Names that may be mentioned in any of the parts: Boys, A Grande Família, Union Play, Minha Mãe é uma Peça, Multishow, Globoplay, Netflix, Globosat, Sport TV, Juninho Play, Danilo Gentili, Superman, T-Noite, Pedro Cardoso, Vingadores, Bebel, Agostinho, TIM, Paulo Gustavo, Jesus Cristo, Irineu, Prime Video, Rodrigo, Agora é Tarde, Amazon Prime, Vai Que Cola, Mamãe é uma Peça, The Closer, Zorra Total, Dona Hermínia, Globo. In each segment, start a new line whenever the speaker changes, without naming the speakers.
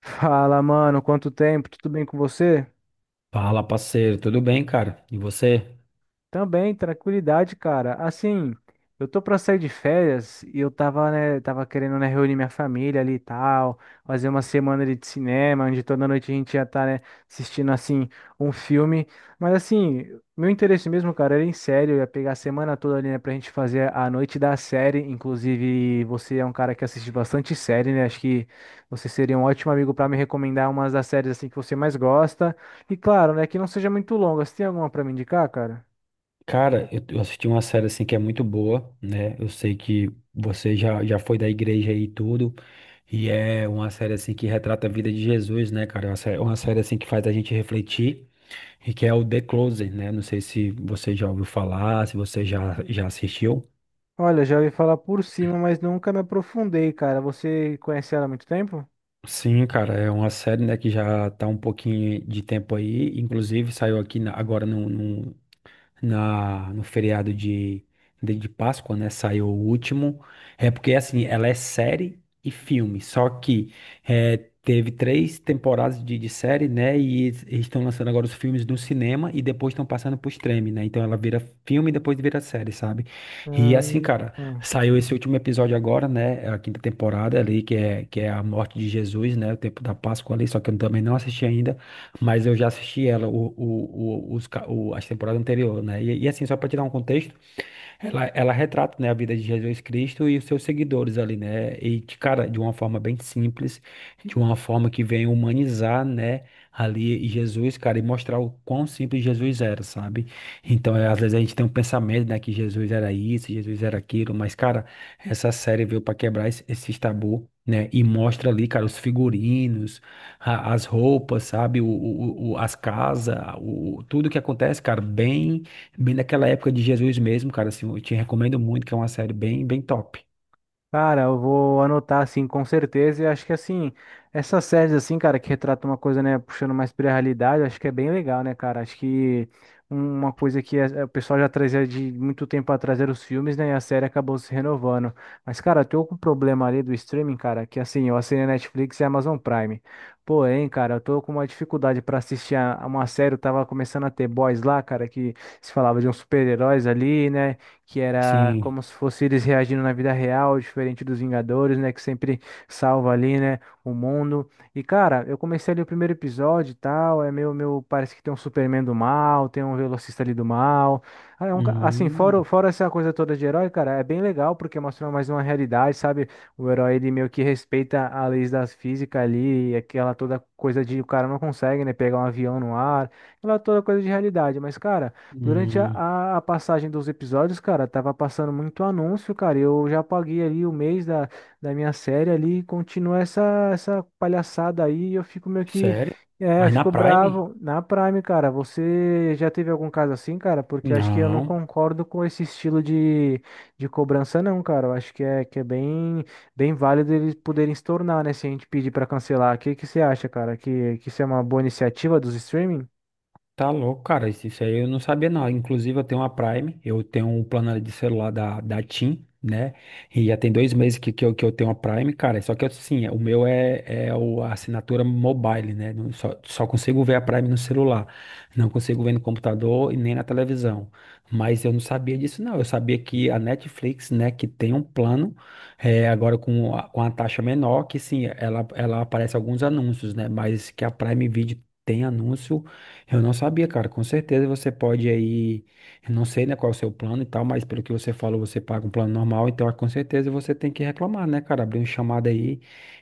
Fala, mano, quanto tempo? Tudo bem com você?
Fala, parceiro, tudo bem, cara? E você?
Também, tranquilidade, cara. Assim, eu tô pra sair de férias e eu tava, né, tava querendo, né, reunir minha família ali e tal, fazer uma semana ali de cinema, onde toda noite a gente ia estar, né, assistindo, assim, um filme. Mas, assim, meu interesse mesmo, cara, era em série, eu ia pegar a semana toda ali, né, pra gente fazer a noite da série. Inclusive, você é um cara que assiste bastante série, né, acho que você seria um ótimo amigo pra me recomendar umas das séries, assim, que você mais gosta. E, claro, né, que não seja muito longa. Você tem alguma pra me indicar, cara?
Cara, eu assisti uma série assim que é muito boa, né? Eu sei que você já foi da igreja aí e tudo, e é uma série assim que retrata a vida de Jesus, né, cara? É uma série assim que faz a gente refletir e que é o The Closer, né? Não sei se você já ouviu falar, se você já assistiu.
Olha, já ouvi falar por cima, mas nunca me aprofundei, cara. Você conhece ela há muito tempo?
Sim, cara, é uma série, né, que já tá um pouquinho de tempo aí, inclusive saiu agora no feriado de Páscoa, né? Saiu o último. É porque, assim, ela é série e filme. Só que é, teve três temporadas de série, né? E eles estão lançando agora os filmes no cinema e depois estão passando pro streaming, né? Então ela vira filme e depois vira série, sabe? E assim, cara,
Ah,
saiu esse último episódio agora, né? A quinta temporada ali, que é a morte de Jesus, né? O tempo da Páscoa ali, só que eu também não assisti ainda, mas eu já assisti ela, o, os, ca- o- as temporadas anteriores, né? E assim, só para te dar um contexto, ela retrata, né, a vida de Jesus Cristo e os seus seguidores ali, né? E, cara, de uma forma bem simples, de uma forma que vem humanizar, né, ali Jesus, cara, e mostrar o quão simples Jesus era, sabe? Então, às vezes a gente tem um pensamento, né, que Jesus era isso, Jesus era aquilo, mas, cara, essa série veio para quebrar esses tabu. Né? E mostra ali, cara, os figurinos, as roupas, sabe? As casas, tudo que acontece, cara, bem. Bem daquela época de Jesus mesmo, cara, assim, eu te recomendo muito, que é uma série bem, bem top.
Cara, eu vou anotar assim com certeza. E acho que assim, essas séries assim, cara, que retratam uma coisa, né, puxando mais pra realidade, acho que é bem legal, né, cara? Acho que uma coisa que é, o pessoal já trazia de muito tempo atrás era os filmes, né, e a série acabou se renovando. Mas, cara, eu tô com um problema ali do streaming, cara, que assim, eu assinei Netflix e Amazon Prime. Porém, cara, eu tô com uma dificuldade pra assistir a uma série, eu tava começando a ter Boys lá, cara, que se falava de uns super-heróis ali, né? Que era
Sim.
como se fosse eles reagindo na vida real, diferente dos Vingadores, né, que sempre salva ali, né, o mundo. E cara, eu comecei ali o primeiro episódio e tal, é meio, meu, parece que tem um Superman do mal, tem um velocista ali do mal. Ah, é um assim, fora,
Hum,
fora essa coisa toda de herói, cara, é bem legal porque mostra mais uma realidade, sabe? O herói, ele meio que respeita as leis da física ali, e aquela toda coisa de o cara não consegue, né, pegar um avião no ar, aquela toda coisa de realidade, mas cara, durante
hum,
a passagem dos episódios, cara, tava passando muito anúncio, cara. Eu já paguei ali o mês da, da minha série ali e continua essa, essa palhaçada aí. Eu fico meio que.
sério?
É,
Mas na
ficou
Prime?
bravo. Na Prime, cara, você já teve algum caso assim, cara? Porque eu acho que eu não
Não.
concordo com esse estilo de cobrança, não, cara. Eu acho que é bem, bem válido eles poderem se tornar, né? Se a gente pedir pra cancelar. O que que você acha, cara? Que isso é uma boa iniciativa dos streamings?
Tá louco, cara. Isso aí eu não sabia, não. Inclusive, eu tenho uma Prime, eu tenho um plano de celular da TIM, né? E já tem 2 meses que eu tenho a Prime, cara. Só que assim, o meu é a assinatura mobile, né? Só consigo ver a Prime no celular. Não consigo ver no computador e nem na televisão. Mas eu não sabia disso, não. Eu sabia que a Netflix, né, que tem um plano, agora com a taxa menor, que sim, ela aparece alguns anúncios, né? Mas que a Prime Video tem anúncio. Eu não sabia, cara. Com certeza você pode aí, eu não sei, né, qual é o seu plano e tal, mas pelo que você falou, você paga um plano normal, então ah, com certeza você tem que reclamar, né, cara? Abrir um chamado aí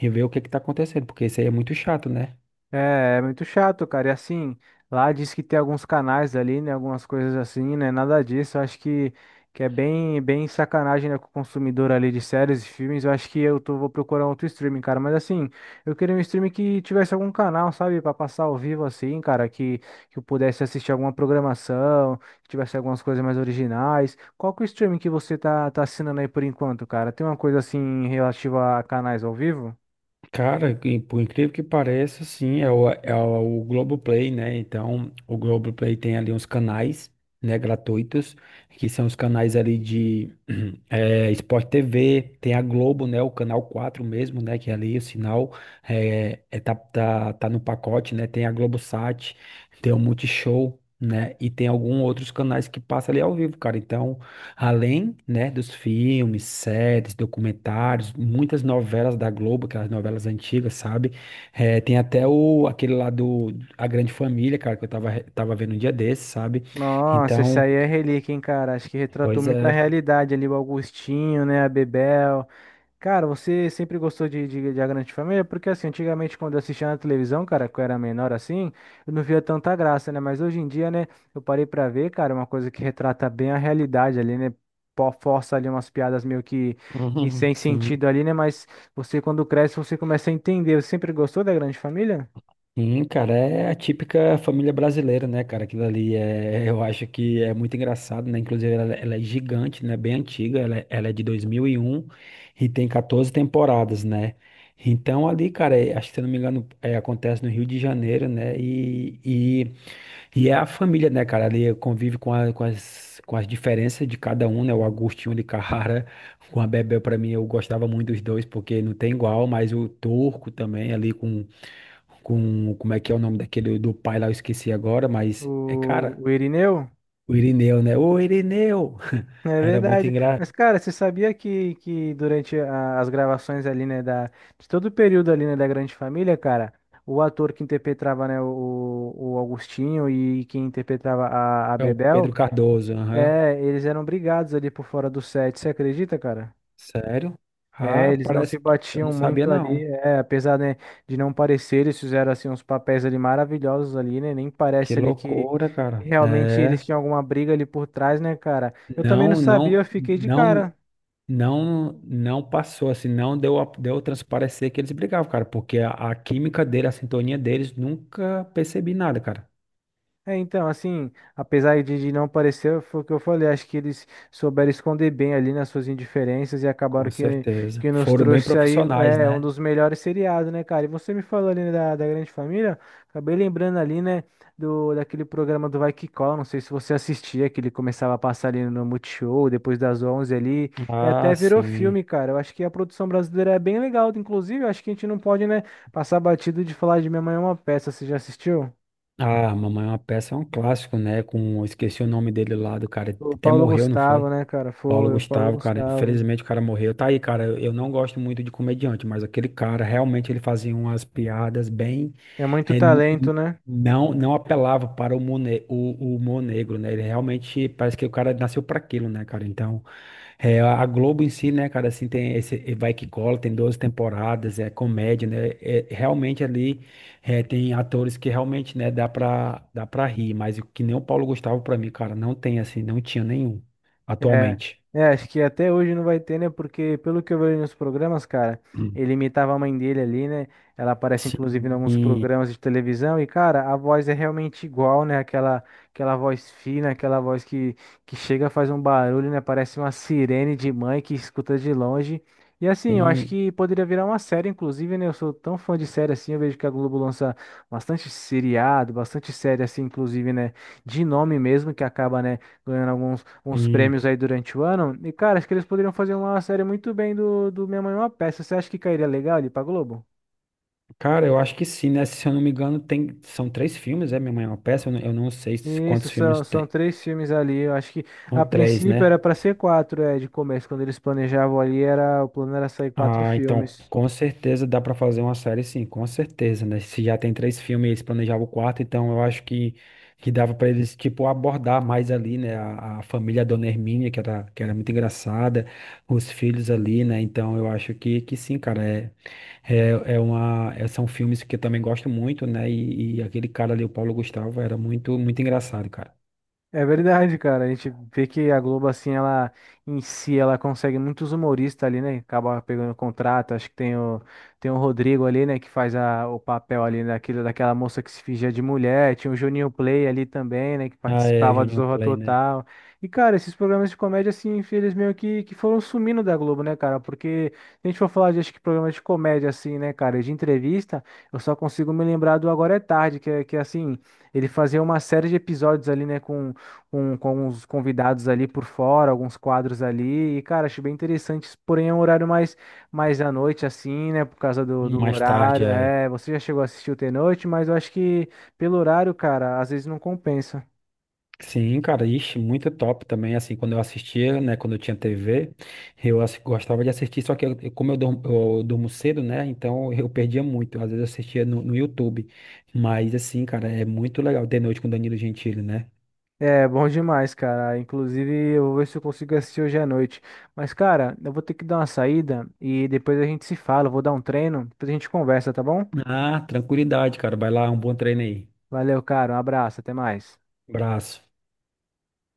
e ver o que que tá acontecendo, porque isso aí é muito chato, né?
É, é muito chato, cara. E assim, lá diz que tem alguns canais ali, né? Algumas coisas assim, né? Nada disso. Eu acho que é bem, bem sacanagem, né, com o consumidor ali de séries e filmes. Eu acho que eu tô, vou procurar outro streaming, cara. Mas assim, eu queria um streaming que tivesse algum canal, sabe? Pra passar ao vivo, assim, cara. Que eu pudesse assistir alguma programação, que tivesse algumas coisas mais originais. Qual que é o streaming que você tá, tá assinando aí por enquanto, cara? Tem uma coisa assim relativa a canais ao vivo?
Cara, e por incrível que pareça, sim, é o Globoplay, né? Então, o Globoplay tem ali uns canais, né, gratuitos, que são os canais ali de Sport TV, tem a Globo, né, o canal 4 mesmo, né, que é ali o sinal tá no pacote, né? Tem a Globosat, tem o Multishow, né? E tem alguns outros canais que passa ali ao vivo, cara. Então, além, né, dos filmes, séries, documentários, muitas novelas da Globo, aquelas novelas antigas, sabe? Tem até aquele lá do A Grande Família, cara, que eu tava vendo um dia desses, sabe?
Nossa, essa
Então,
aí é relíquia, hein, cara? Acho que retratou
pois
muito a
é.
realidade ali, o Augustinho, né, a Bebel. Cara, você sempre gostou de A Grande Família? Porque, assim, antigamente quando eu assistia na televisão, cara, que eu era menor assim, eu não via tanta graça, né? Mas hoje em dia, né, eu parei pra ver, cara, uma coisa que retrata bem a realidade ali, né? Força ali umas piadas meio que
Uhum,
sem
sim.
sentido ali, né? Mas você, quando cresce, você começa a entender. Você sempre gostou da Grande Família?
Sim, cara, é a típica família brasileira, né, cara? Aquilo ali eu acho que é muito engraçado, né? Inclusive, ela é gigante, né? Bem antiga, ela é de 2001 e um e tem 14 temporadas, né? Então, ali, cara, acho que se eu não me engano, acontece no Rio de Janeiro, né? E é a família, né, cara? Ali convive com as diferenças de cada um, né? O Agostinho de Carrara com a Bebel, pra mim, eu gostava muito dos dois, porque não tem igual, mas o Turco também ali como é que é o nome daquele do pai lá, eu esqueci agora, mas é
O,
cara,
o Irineu?
o Irineu, né? Ô Irineu!
É
Era muito
verdade. Mas,
engraçado.
cara, você sabia que durante as gravações ali, né, da, de todo o período ali, né, da Grande Família, cara, o ator que interpretava, né, o Agostinho e quem interpretava a
É o
Bebel,
Pedro Cardoso, aham.
é, eles eram brigados ali por fora do set, você acredita, cara?
Sério?
É,
Ah,
eles não se
parece que eu
batiam
não sabia,
muito ali,
não.
é, apesar, né, de não parecer, eles fizeram, assim, uns papéis ali maravilhosos ali, né, nem
Que
parece ali que
loucura, cara.
realmente eles tinham alguma briga ali por trás, né, cara? Eu também não
Não,
sabia, eu
não,
fiquei de
não,
cara.
não, não passou assim, não deu a transparecer que eles brigavam, cara, porque a química dele, a sintonia deles, nunca percebi nada, cara.
É, então, assim, apesar de não parecer, foi o que eu falei, acho que eles souberam esconder bem ali nas suas indiferenças e acabaram
Com certeza.
que nos
Foram bem
trouxe aí
profissionais,
é, um
né?
dos melhores seriados, né, cara? E você me falou ali né, da, da Grande Família, acabei lembrando ali, né, do, daquele programa do Vai Que Cola, não sei se você assistia, que ele começava a passar ali no Multishow, depois das 11 ali, e
Ah,
até virou
sim.
filme, cara. Eu acho que a produção brasileira é bem legal, inclusive, eu acho que a gente não pode, né, passar batido de falar de Minha Mãe é uma Peça, você já assistiu?
Ah, Mamãe é uma Peça é um clássico, né? Eu esqueci o nome dele lá do cara,
O
até
Paulo
morreu, não foi?
Gustavo, né, cara?
Paulo
Foi o Paulo
Gustavo, cara,
Gustavo.
infelizmente o cara morreu. Tá aí, cara, eu não gosto muito de comediante, mas aquele cara, realmente ele fazia umas piadas bem,
É muito
é, n-
talento,
n-
né?
não apelava para o humor, o humor negro, né? Ele realmente parece que o cara nasceu para aquilo, né, cara? Então, a Globo em si, né, cara, assim, tem esse Vai Que Cola, tem 12 temporadas, é comédia, né, realmente ali tem atores que realmente, né, dá pra rir, mas o que nem o Paulo Gustavo pra mim, cara, não tem, assim, não tinha nenhum,
É,
atualmente.
é, acho que até hoje não vai ter, né? Porque pelo que eu vejo nos programas, cara,
Hum.
ele imitava a mãe dele ali, né? Ela aparece inclusive em alguns
Sim,
programas de televisão e, cara, a voz é realmente igual, né? Aquela, aquela voz fina, aquela voz que chega, faz um barulho, né? Parece uma sirene de mãe que escuta de longe. E assim, eu acho
sim,
que poderia virar uma série, inclusive, né? Eu sou tão fã de série assim, eu vejo que a Globo lança bastante seriado, bastante série assim, inclusive, né? De nome mesmo, que acaba, né? Ganhando alguns, alguns
sim.
prêmios aí durante o ano. E, cara, acho que eles poderiam fazer uma série muito bem do, do Minha Mãe é uma Peça. Você acha que cairia legal ali pra Globo?
Cara, eu acho que sim, né, se eu não me engano, são três filmes, Minha Mãe é uma Peça, eu não sei
Isso,
quantos filmes
são, são
tem,
três filmes ali. Eu acho que
são
a
três,
princípio era
né?
pra ser quatro, é, de começo. Quando eles planejavam ali, era, o plano era sair quatro
Ah, então
filmes.
com certeza dá pra fazer uma série, sim, com certeza, né? Se já tem três filmes, e eles planejavam o quarto, então eu acho que dava pra eles, tipo, abordar mais ali, né? A família Dona Hermínia, que era muito engraçada, os filhos ali, né? Então eu acho que sim, cara, são filmes que eu também gosto muito, né? E aquele cara ali, o Paulo Gustavo, era muito, muito engraçado, cara.
É verdade, cara. A gente vê que a Globo, assim, ela em si, ela consegue muitos humoristas ali, né? Acaba pegando contrato. Acho que tem o, tem o Rodrigo ali, né? Que faz a, o papel ali daquilo, daquela moça que se fingia de mulher. Tinha o Juninho Play ali também, né? Que
Ah, é,
participava do
Union
Zorra
Play, né?
Total. E, cara, esses programas de comédia, assim, eles meio que foram sumindo da Globo, né, cara? Porque se a gente for falar de, acho que, programas de comédia, assim, né, cara? De entrevista, eu só consigo me lembrar do Agora é Tarde, que, que é, assim, ele fazia uma série de episódios ali, né? Com os convidados ali por fora, alguns quadros ali. E, cara, achei bem interessante, porém é um horário mais, mais à noite, assim, né? Por causa do, do
Mais tarde,
horário.
é.
É, você já chegou a assistir o T-Noite, mas eu acho que pelo horário, cara, às vezes não compensa.
Sim, cara, ixi, muito top também, assim, quando eu assistia, né, quando eu tinha TV, gostava de assistir, só que como eu durmo cedo, né, então eu perdia muito, às vezes eu assistia no YouTube, mas assim, cara, é muito legal ter noite com Danilo Gentili, né?
É, bom demais, cara. Inclusive, eu vou ver se eu consigo assistir hoje à noite. Mas, cara, eu vou ter que dar uma saída e depois a gente se fala. Eu vou dar um treino, depois a gente conversa, tá bom?
Ah, tranquilidade, cara, vai lá, um bom treino aí,
Valeu, cara. Um abraço, até mais.
abraço.